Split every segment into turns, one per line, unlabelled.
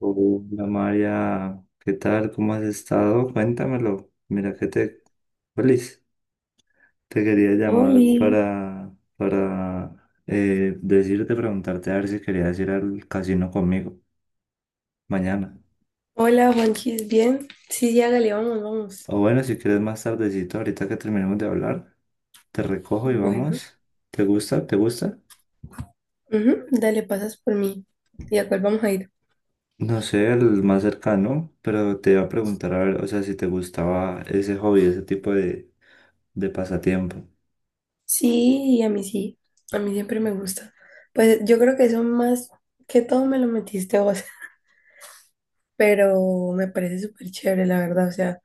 Hola María, ¿qué tal? ¿Cómo has estado? Cuéntamelo. Mira que te... Feliz. Te quería llamar
Oli.
para decirte, preguntarte a ver si querías ir al casino conmigo mañana.
Hola, Juanchis, ¿bien? Sí, ya, dale, vamos, vamos.
O bueno, si quieres más tardecito, ahorita que terminemos de hablar, te recojo y
Bueno,
vamos. ¿Te gusta? ¿Te gusta?
ujú, dale, pasas por mí. ¿Y a cuál vamos a ir?
No sé, el más cercano, pero te iba a preguntar a ver, o sea, si te gustaba ese hobby, ese tipo de pasatiempo.
Sí. A mí siempre me gusta. Pues yo creo que eso más que todo me lo metiste vos, pero me parece súper chévere, la verdad. O sea,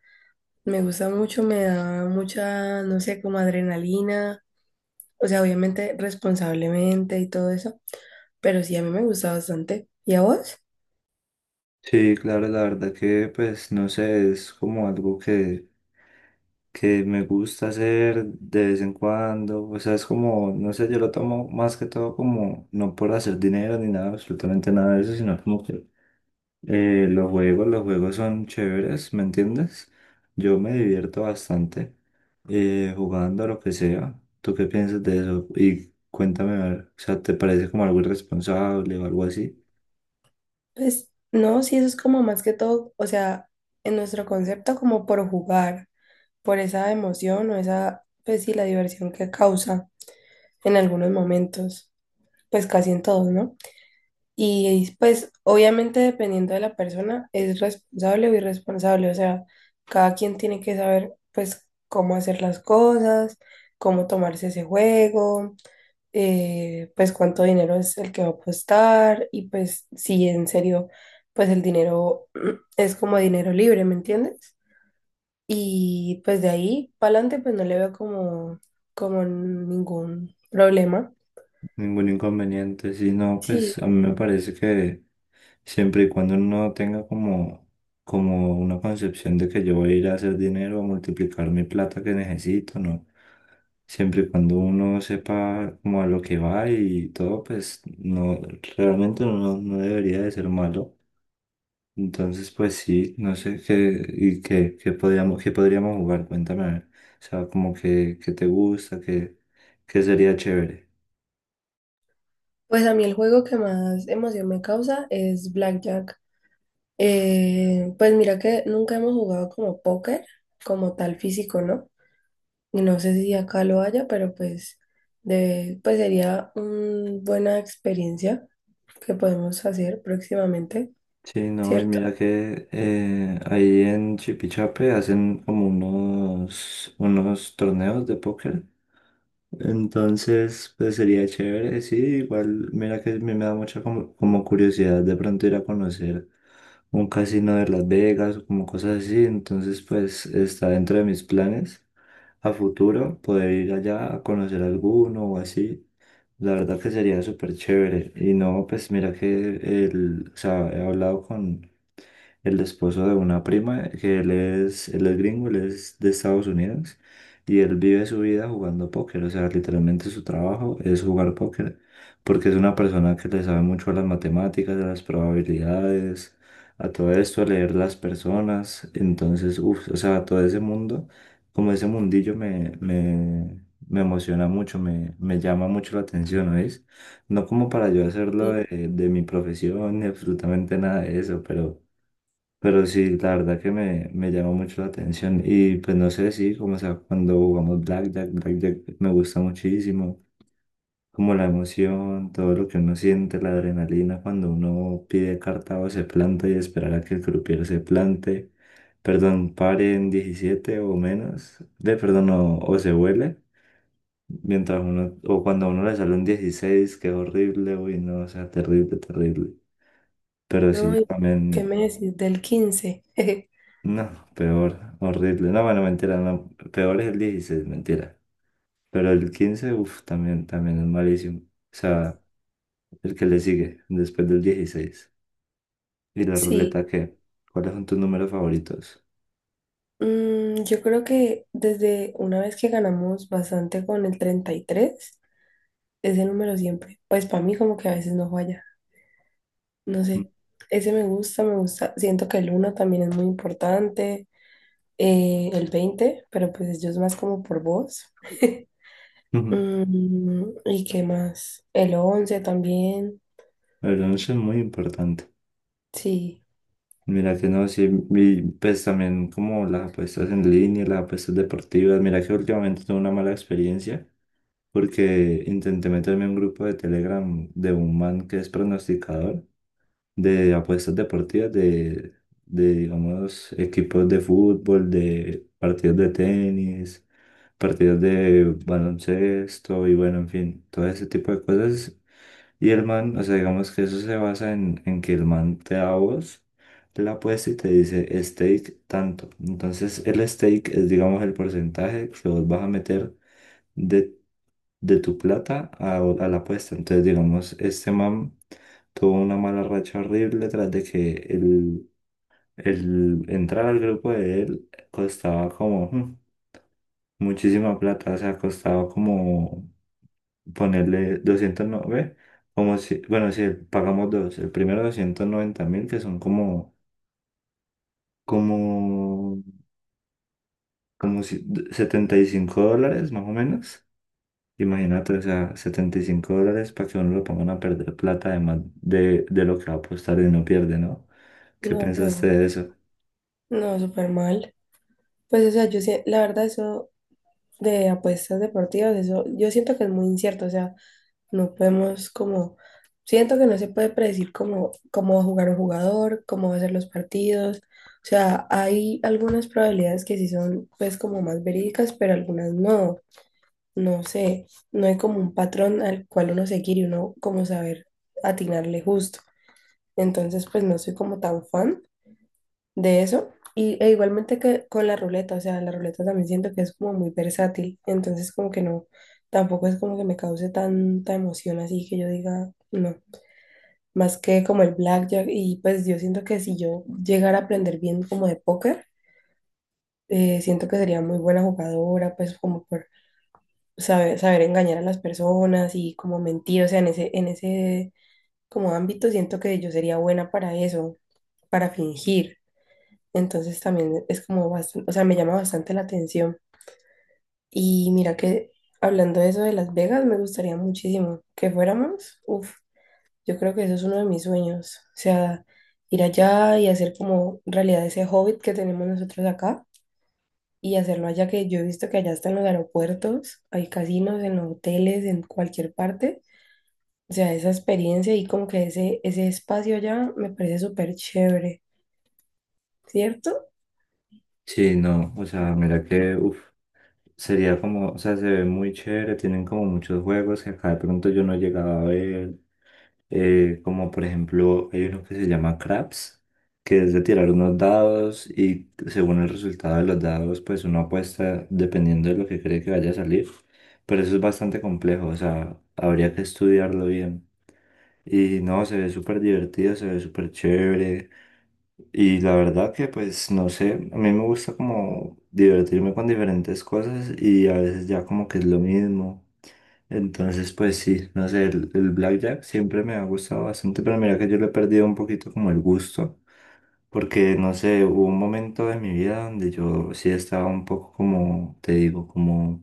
me gusta mucho, me da mucha, no sé, como adrenalina. O sea, obviamente responsablemente y todo eso, pero sí, a mí me gusta bastante. ¿Y a vos?
Sí, claro, la verdad que pues no sé, es como algo que me gusta hacer de vez en cuando, o sea, es como, no sé, yo lo tomo más que todo como, no por hacer dinero ni nada, absolutamente nada de eso, sino como que los juegos son chéveres, ¿me entiendes? Yo me divierto bastante jugando a lo que sea. ¿Tú qué piensas de eso? Y cuéntame, a ver, o sea, ¿te parece como algo irresponsable o algo así?
Pues no, sí, eso es como más que todo, o sea, en nuestro concepto como por jugar, por esa emoción o esa, pues sí, la diversión que causa en algunos momentos, pues casi en todos, ¿no? Y pues obviamente dependiendo de la persona es responsable o irresponsable, o sea, cada quien tiene que saber pues cómo hacer las cosas, cómo tomarse ese juego, pues cuánto dinero es el que va a apostar y pues si en serio, pues el dinero es como dinero libre, ¿me entiendes? Y pues de ahí para adelante pues no le veo como ningún problema.
Ningún inconveniente, sino pues
Sí,
a mí me parece que siempre y cuando no tenga como, como una concepción de que yo voy a ir a hacer dinero, a multiplicar mi plata que necesito, ¿no? Siempre y cuando uno sepa como a lo que va y todo, pues no, realmente no, no debería de ser malo. Entonces, pues sí, no sé qué, y qué, qué podríamos jugar, cuéntame, a ver. O sea, como que, qué te gusta, qué sería chévere.
pues a mí el juego que más emoción me causa es Blackjack. Pues mira que nunca hemos jugado como póker, como tal físico, ¿no? No sé si acá lo haya, pero pues, pues sería una buena experiencia que podemos hacer próximamente,
Sí, no, y
¿cierto?
mira que ahí en Chipichape hacen como unos torneos de póker. Entonces, pues sería chévere, sí, igual, mira que a mí me da mucha como, como curiosidad de pronto ir a conocer un casino de Las Vegas o como cosas así. Entonces, pues está dentro de mis planes a futuro poder ir allá a conocer alguno o así. La verdad que sería súper chévere. Y no, pues mira que el, o sea, he hablado con el esposo de una prima, que él es gringo, él es de Estados Unidos, y él vive su vida jugando póker, o sea, literalmente su trabajo es jugar póker, porque es una persona que le sabe mucho a las matemáticas, a las probabilidades, a todo esto, a leer las personas, entonces, uff, o sea, todo ese mundo como ese mundillo me emociona mucho, me llama mucho la atención, ¿no es? No como para yo hacerlo
Y,
de mi profesión ni absolutamente nada de eso, pero sí, la verdad que me llama mucho la atención. Y pues no sé, sí, como o sea, cuando jugamos Blackjack, Blackjack me gusta muchísimo, como la emoción, todo lo que uno siente, la adrenalina cuando uno pide carta o se planta y esperar a que el croupier se plante perdón, pare en 17 o menos, de perdón, o se huele, mientras uno, o cuando a uno le sale un 16 que es horrible, uy, no, o sea, terrible, terrible. Pero
no,
sí,
¿qué me
también,
decís del 15?
no, peor, horrible. No, bueno, mentira, no, peor es el 16 mentira. Pero el 15 uff, también es malísimo. O sea, el que le sigue después del 16. ¿Y la
Sí,
ruleta qué? ¿Cuáles son tus números favoritos?
yo creo que desde una vez que ganamos bastante con el 33, ese número siempre, pues para mí como que a veces no falla, no sé, ese me gusta, siento que el uno también es muy importante, el 20, pero pues yo es más como por voz.
Ujú.
¿Y qué más? El 11 también.
El 11 es muy importante.
Sí,
Mira que no, sí, y pues también como las apuestas en línea, las apuestas deportivas, mira que últimamente tuve una mala experiencia porque intenté meterme en un grupo de Telegram de un man que es pronosticador de apuestas deportivas de digamos, equipos de fútbol, de partidos de tenis, partidos de baloncesto y bueno, en fin, todo ese tipo de cosas y el man, o sea, digamos que eso se basa en que el man te da a vos la apuesta y te dice stake tanto. Entonces, el stake es, digamos, el porcentaje que vos vas a meter de, de tu plata a la apuesta. Entonces, digamos, este man tuvo una mala racha horrible tras de que el entrar al grupo de él costaba como muchísima plata, o sea, costaba como ponerle 209, como si, bueno, si pagamos dos, el primero 290.000, que son como, como si, 75 dólares más o menos. Imagínate, o sea, 75 dólares para que uno lo pongan a perder plata, además de lo que va a apostar y no pierde, ¿no? ¿Qué
no, pues
pensaste de
obvio.
eso?
No, súper mal. Pues o sea, la verdad eso de apuestas deportivas, eso yo siento que es muy incierto, o sea, no podemos como, siento que no se puede predecir cómo va a jugar un jugador, cómo va a ser los partidos. O sea, hay algunas probabilidades que sí son pues como más verídicas, pero algunas no. No sé, no hay como un patrón al cual uno seguir y uno como saber atinarle justo. Entonces, pues no soy como tan fan de eso. Y igualmente que con la ruleta, o sea, la ruleta también siento que es como muy versátil. Entonces, como que no, tampoco es como que me cause tanta emoción así que yo diga, no. Más que como el blackjack. Y pues yo siento que si yo llegara a aprender bien como de póker, siento que sería muy buena jugadora, pues como por saber engañar a las personas y como mentir. O sea, en ese como ámbito siento que yo sería buena para eso, para fingir. Entonces también es como bastante, o sea, me llama bastante la atención. Y mira que hablando de eso de Las Vegas, me gustaría muchísimo que fuéramos. Uf, yo creo que eso es uno de mis sueños. O sea, ir allá y hacer como realidad ese hobbit que tenemos nosotros acá y hacerlo allá, que yo he visto que allá están los aeropuertos, hay casinos, en los hoteles, en cualquier parte. O sea, esa experiencia y como que ese espacio allá me parece súper chévere, ¿cierto?
Sí, no, o sea, mira que, uf, sería como, o sea, se ve muy chévere, tienen como muchos juegos que acá de pronto yo no llegaba a ver, como por ejemplo, hay uno que se llama Craps, que es de tirar unos dados y según el resultado de los dados, pues uno apuesta dependiendo de lo que cree que vaya a salir. Pero eso es bastante complejo, o sea, habría que estudiarlo bien. Y no, se ve súper divertido, se ve súper chévere. Y la verdad que pues no sé, a mí me gusta como divertirme con diferentes cosas y a veces ya como que es lo mismo. Entonces, pues sí, no sé, el blackjack siempre me ha gustado bastante, pero mira que yo le he perdido un poquito como el gusto, porque no sé, hubo un momento de mi vida donde yo sí estaba un poco como, te digo, como,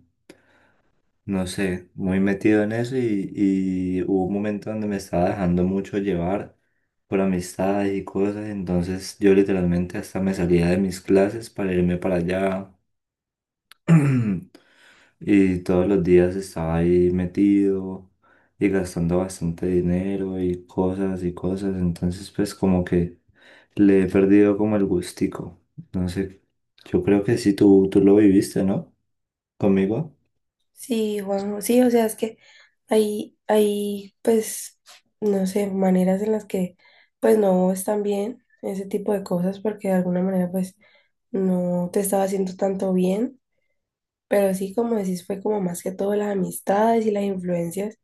no sé, muy metido en eso y hubo un momento donde me estaba dejando mucho llevar por amistades y cosas, entonces yo literalmente hasta me salía de mis clases para irme para allá. Y todos los días estaba ahí metido y gastando bastante dinero y cosas y cosas. Entonces, pues como que le he perdido como el gustico. No sé, yo creo que sí, tú lo viviste, ¿no? Conmigo.
Sí, Juan, sí, o sea, es que hay, pues, no sé, maneras en las que, pues, no están bien ese tipo de cosas, porque de alguna manera, pues, no te estaba haciendo tanto bien, pero sí, como decís, fue como más que todo las amistades y las influencias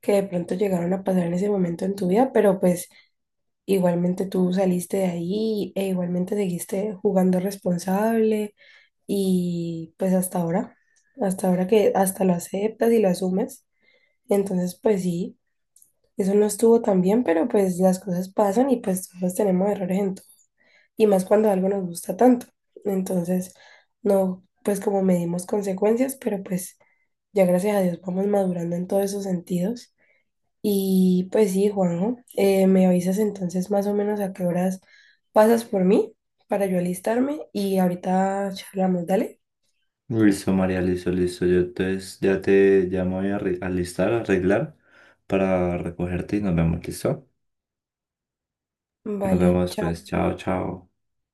que de pronto llegaron a pasar en ese momento en tu vida, pero pues, igualmente tú saliste de ahí e igualmente seguiste jugando responsable y, pues, hasta ahora que hasta lo aceptas y lo asumes. Entonces, pues sí, eso no estuvo tan bien, pero pues las cosas pasan y pues todos tenemos errores en todo. Y más cuando algo nos gusta tanto. Entonces, no, pues como medimos consecuencias, pero pues ya gracias a Dios vamos madurando en todos esos sentidos. Y pues sí, Juanjo, me avisas entonces más o menos a qué horas pasas por mí para yo alistarme y ahorita charlamos, dale.
Listo, María, listo, listo. Yo entonces ya te llamo voy a alistar, a arreglar para recogerte y nos vemos, ¿listo? Nos
Vale,
vemos pues,
chao.
chao, chao.